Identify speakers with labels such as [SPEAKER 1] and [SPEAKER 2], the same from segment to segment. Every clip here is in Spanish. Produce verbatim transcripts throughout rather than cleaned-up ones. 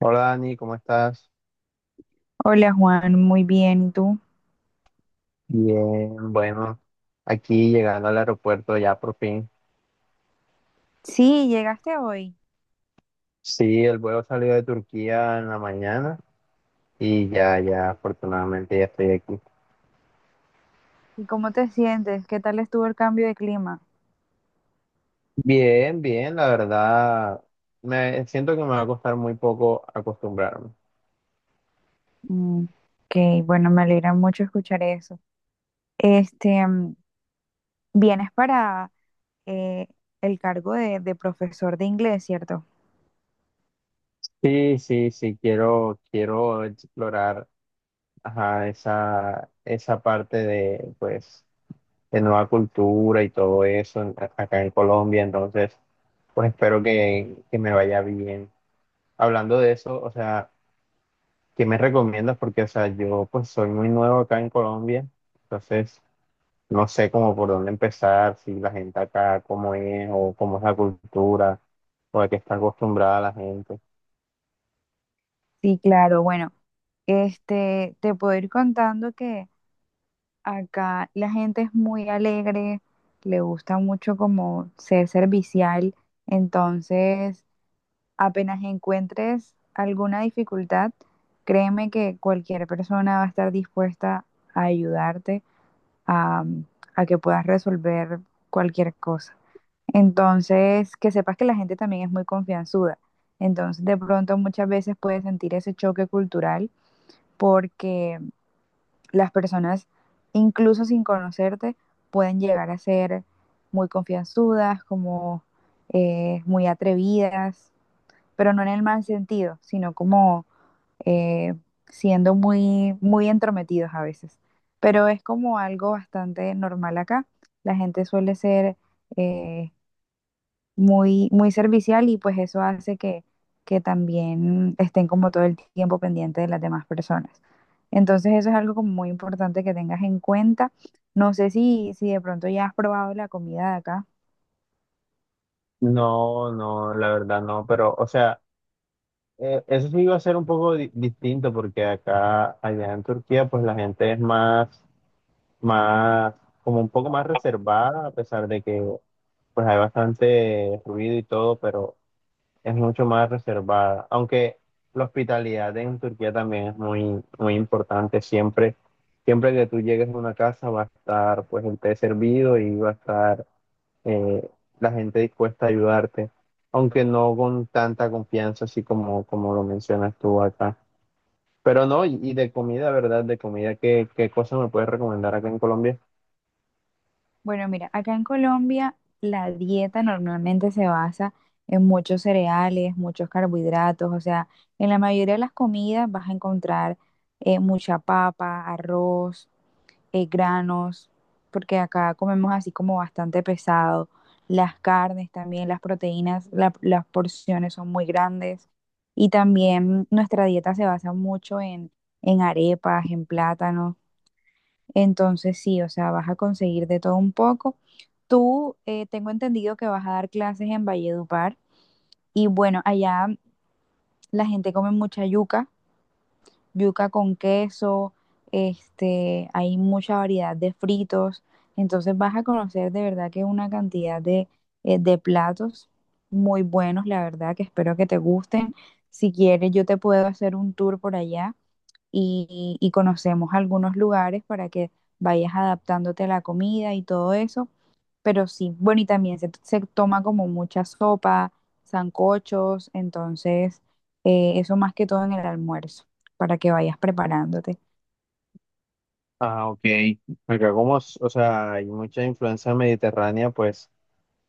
[SPEAKER 1] Hola Dani, ¿cómo estás?
[SPEAKER 2] Hola Juan, muy bien. ¿Y tú?
[SPEAKER 1] Bien, bueno, aquí llegando al aeropuerto ya por fin.
[SPEAKER 2] Sí, llegaste hoy.
[SPEAKER 1] Sí, el vuelo salió de Turquía en la mañana y ya, ya, afortunadamente ya estoy aquí.
[SPEAKER 2] ¿Y cómo te sientes? ¿Qué tal estuvo el cambio de clima?
[SPEAKER 1] Bien, bien, la verdad, me siento que me va a costar muy poco acostumbrarme.
[SPEAKER 2] Mm, ok, bueno, me alegra mucho escuchar eso. Este, mm, Vienes para eh, el cargo de, de profesor de inglés, ¿cierto?
[SPEAKER 1] Sí, sí, sí, quiero, quiero explorar, ajá, esa, esa parte de, pues, de nueva cultura y todo eso en- a- acá en Colombia. Entonces, pues espero que, que me vaya bien. Hablando de eso, o sea, ¿qué me recomiendas? Porque, o sea, yo pues soy muy nuevo acá en Colombia, entonces no sé cómo por dónde empezar, si la gente acá cómo es o cómo es la cultura o a qué está acostumbrada la gente.
[SPEAKER 2] Sí, claro. Bueno, este, te puedo ir contando que acá la gente es muy alegre, le gusta mucho como ser servicial. Entonces apenas encuentres alguna dificultad, créeme que cualquier persona va a estar dispuesta a ayudarte a, a que puedas resolver cualquier cosa. Entonces, que sepas que la gente también es muy confianzuda. Entonces, de pronto muchas veces puedes sentir ese choque cultural porque las personas, incluso sin conocerte, pueden llegar a ser muy confianzudas, como eh, muy atrevidas, pero no en el mal sentido, sino como eh, siendo muy, muy entrometidos a veces. Pero es como algo bastante normal acá. La gente suele ser eh, muy, muy servicial y pues eso hace que, que también estén como todo el tiempo pendiente de las demás personas. Entonces eso es algo como muy importante que tengas en cuenta. No sé si, si de pronto ya has probado la comida de acá.
[SPEAKER 1] No, no, la verdad no, pero, o sea, eh, eso sí iba a ser un poco di- distinto porque acá, allá en Turquía, pues la gente es más más, como un poco más reservada, a pesar de que pues hay bastante ruido y todo, pero es mucho más reservada. Aunque la hospitalidad en Turquía también es muy, muy importante. Siempre, siempre que tú llegues a una casa va a estar pues el té servido y va a estar eh, la gente dispuesta a ayudarte, aunque no con tanta confianza así como, como lo mencionas tú acá. Pero no, y, y de comida, ¿verdad? De comida, ¿qué, qué cosa me puedes recomendar acá en Colombia?
[SPEAKER 2] Bueno, mira, acá en Colombia la dieta normalmente se basa en muchos cereales, muchos carbohidratos, o sea, en la mayoría de las comidas vas a encontrar eh, mucha papa, arroz, eh, granos, porque acá comemos así como bastante pesado, las carnes también, las proteínas, la- las porciones son muy grandes y también nuestra dieta se basa mucho en, en arepas, en plátanos. Entonces sí, o sea, vas a conseguir de todo un poco. Tú, eh, tengo entendido que vas a dar clases en Valledupar y bueno, allá la gente come mucha yuca, yuca con queso. Este, hay mucha variedad de fritos, entonces vas a conocer de verdad que una cantidad de, eh, de platos muy buenos, la verdad, que espero que te gusten. Si quieres, yo te puedo hacer un tour por allá y, y conocemos algunos lugares para que vayas adaptándote a la comida y todo eso. Pero sí, bueno, y también se, se toma como mucha sopa, sancochos. Entonces eh, eso más que todo en el almuerzo, para que vayas preparándote.
[SPEAKER 1] Ah, ok. Acá como, s- o sea, hay mucha influencia mediterránea, pues,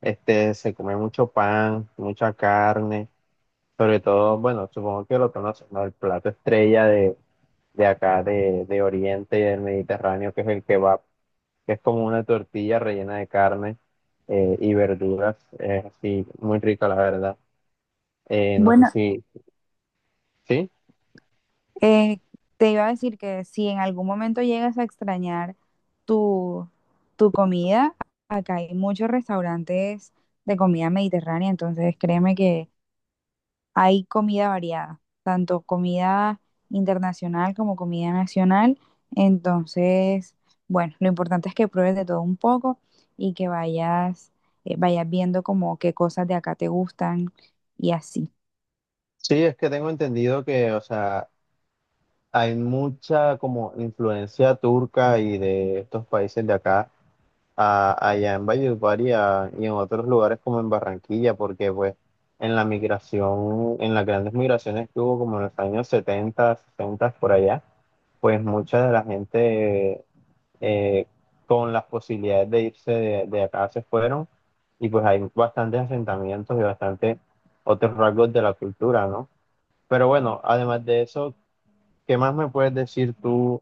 [SPEAKER 1] este, se come mucho pan, mucha carne, sobre todo, bueno, supongo que lo conoces, ¿no? El plato estrella de, de acá, de, de Oriente y del Mediterráneo, que es el kebab, que es como una tortilla rellena de carne eh, y verduras, es así, muy rica, la verdad. Eh, no sé
[SPEAKER 2] Bueno,
[SPEAKER 1] si, ¿sí?
[SPEAKER 2] eh, te iba a decir que si en algún momento llegas a extrañar tu, tu comida, acá hay muchos restaurantes de comida mediterránea, entonces créeme que hay comida variada, tanto comida internacional como comida nacional. Entonces, bueno, lo importante es que pruebes de todo un poco y que vayas, eh, vayas viendo como qué cosas de acá te gustan y así.
[SPEAKER 1] Sí, es que tengo entendido que, o sea, hay mucha como influencia turca y de estos países de acá a- allá en Valledupar y, a- y en otros lugares como en Barranquilla, porque pues en la migración, en las grandes migraciones que hubo como en los años setenta sesenta por allá, pues mucha de la gente eh, con las posibilidades de irse de, de acá se fueron y pues hay bastantes asentamientos y bastante otros rasgos de la cultura, ¿no? Pero bueno, además de eso, ¿qué más me puedes decir tú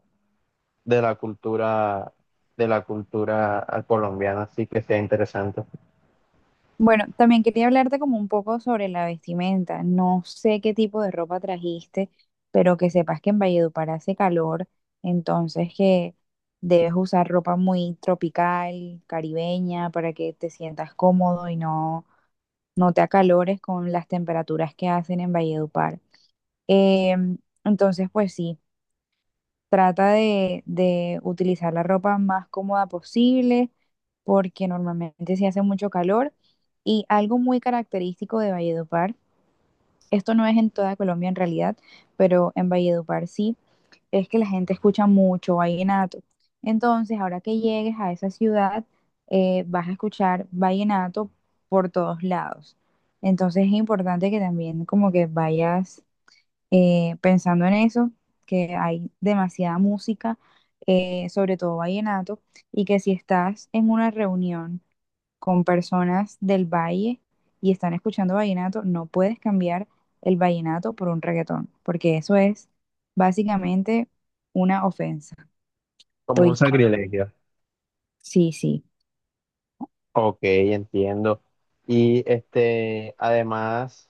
[SPEAKER 1] de la cultura de la cultura colombiana, así que sea interesante.
[SPEAKER 2] Bueno, también quería hablarte como un poco sobre la vestimenta. No sé qué tipo de ropa trajiste, pero que sepas que en Valledupar hace calor, entonces que debes usar ropa muy tropical, caribeña, para que te sientas cómodo y no, no te acalores con las temperaturas que hacen en Valledupar. Em, entonces, pues sí, trata de, de utilizar la ropa más cómoda posible porque normalmente sí hace mucho calor. Y algo muy característico de Valledupar, esto no es en toda Colombia en realidad, pero en Valledupar sí, es que la gente escucha mucho vallenato. Entonces, ahora que llegues a esa ciudad, eh, vas a escuchar vallenato por todos lados. Entonces, es importante que también como que vayas eh, pensando en eso, que hay demasiada música, eh, sobre todo vallenato, y que si estás en una reunión con personas del valle y están escuchando vallenato, no puedes cambiar el vallenato por un reggaetón, porque eso es básicamente una ofensa.
[SPEAKER 1] Como un
[SPEAKER 2] ¿Oíste?
[SPEAKER 1] sacrilegio.
[SPEAKER 2] Sí, sí.
[SPEAKER 1] Ok, entiendo. Y este, además,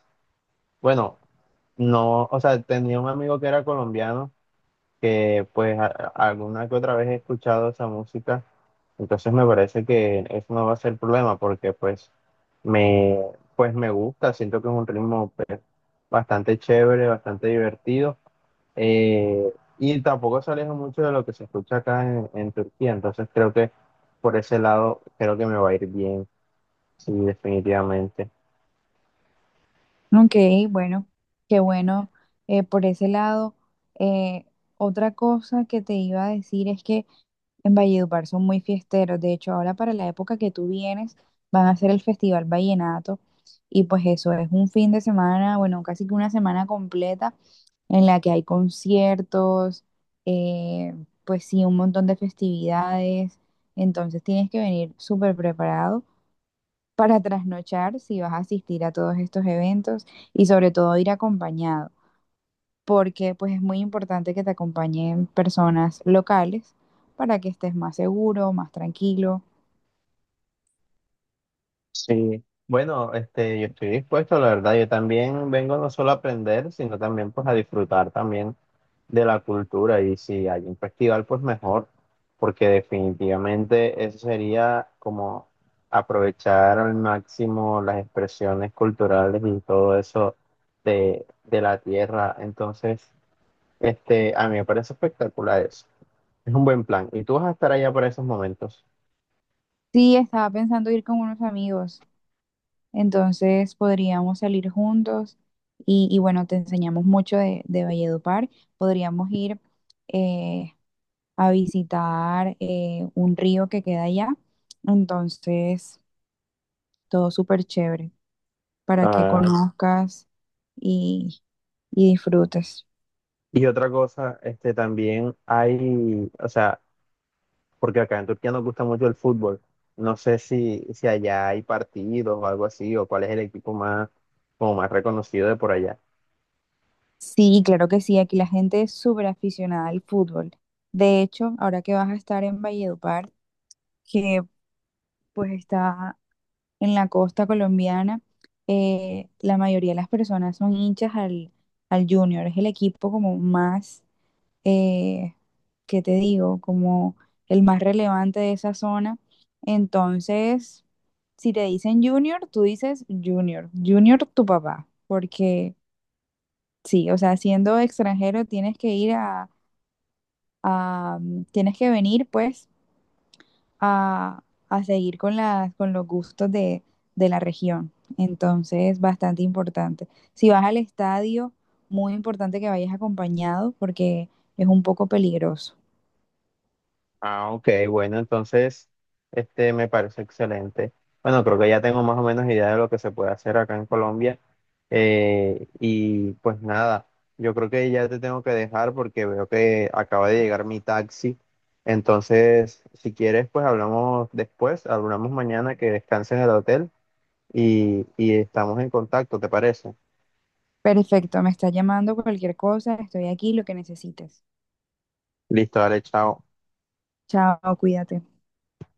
[SPEAKER 1] bueno, no, o sea, tenía un amigo que era colombiano, que pues a- a- alguna que otra vez he escuchado esa música, entonces me parece que eso no va a ser problema porque pues me, pues me gusta, siento que es un ritmo pues, bastante chévere, bastante divertido. Eh, y tampoco se aleja mucho de lo que se escucha acá en, en Turquía, entonces creo que por ese lado creo que me va a ir bien, sí, definitivamente.
[SPEAKER 2] Ok, bueno, qué bueno. Eh, por ese lado, eh, otra cosa que te iba a decir es que en Valledupar son muy fiesteros. De hecho, ahora para la época que tú vienes, van a hacer el Festival Vallenato. Y pues eso es un fin de semana, bueno, casi que una semana completa en la que hay conciertos, eh, pues sí, un montón de festividades. Entonces tienes que venir súper preparado para trasnochar si vas a asistir a todos estos eventos y sobre todo ir acompañado, porque pues es muy importante que te acompañen personas locales para que estés más seguro, más tranquilo.
[SPEAKER 1] Sí, bueno, este, yo estoy dispuesto, la verdad, yo también vengo no solo a aprender, sino también pues a disfrutar también de la cultura y si hay un festival, pues mejor, porque definitivamente eso sería como aprovechar al máximo las expresiones culturales y todo eso de, de la tierra. Entonces, este, a mí me parece espectacular eso. Es un buen plan. Y tú vas a estar allá para esos momentos.
[SPEAKER 2] Sí, estaba pensando ir con unos amigos. Entonces podríamos salir juntos y, y bueno, te enseñamos mucho de, de Valledupar. Podríamos ir eh, a visitar eh, un río que queda allá. Entonces, todo súper chévere para que
[SPEAKER 1] Ah,
[SPEAKER 2] conozcas y, y disfrutes.
[SPEAKER 1] y otra cosa, este, también hay, o sea, porque acá en Turquía nos gusta mucho el fútbol. No sé si, si allá hay partidos o algo así, o cuál es el equipo más, como más reconocido de por allá.
[SPEAKER 2] Sí, claro que sí, aquí la gente es súper aficionada al fútbol. De hecho, ahora que vas a estar en Valledupar, que pues está en la costa colombiana, eh, la mayoría de las personas son hinchas al, al Junior. Es el equipo como más, eh, ¿qué te digo? Como el más relevante de esa zona. Entonces, si te dicen Junior, tú dices Junior, Junior tu papá, porque sí, o sea, siendo extranjero tienes que ir a, a- tienes que venir pues a, a seguir con las, con los gustos de, de la región. Entonces, bastante importante. Si vas al estadio, muy importante que vayas acompañado porque es un poco peligroso.
[SPEAKER 1] Ah, ok, bueno, entonces, este me parece excelente. Bueno, creo que ya tengo más o menos idea de lo que se puede hacer acá en Colombia. Eh, y pues nada, yo creo que ya te tengo que dejar porque veo que acaba de llegar mi taxi. Entonces, si quieres, pues hablamos después, hablamos mañana que descanses en el hotel y, y estamos en contacto, ¿te parece?
[SPEAKER 2] Perfecto, me está llamando cualquier cosa, estoy aquí, lo que necesites.
[SPEAKER 1] Listo, dale, chao.
[SPEAKER 2] Chao, cuídate.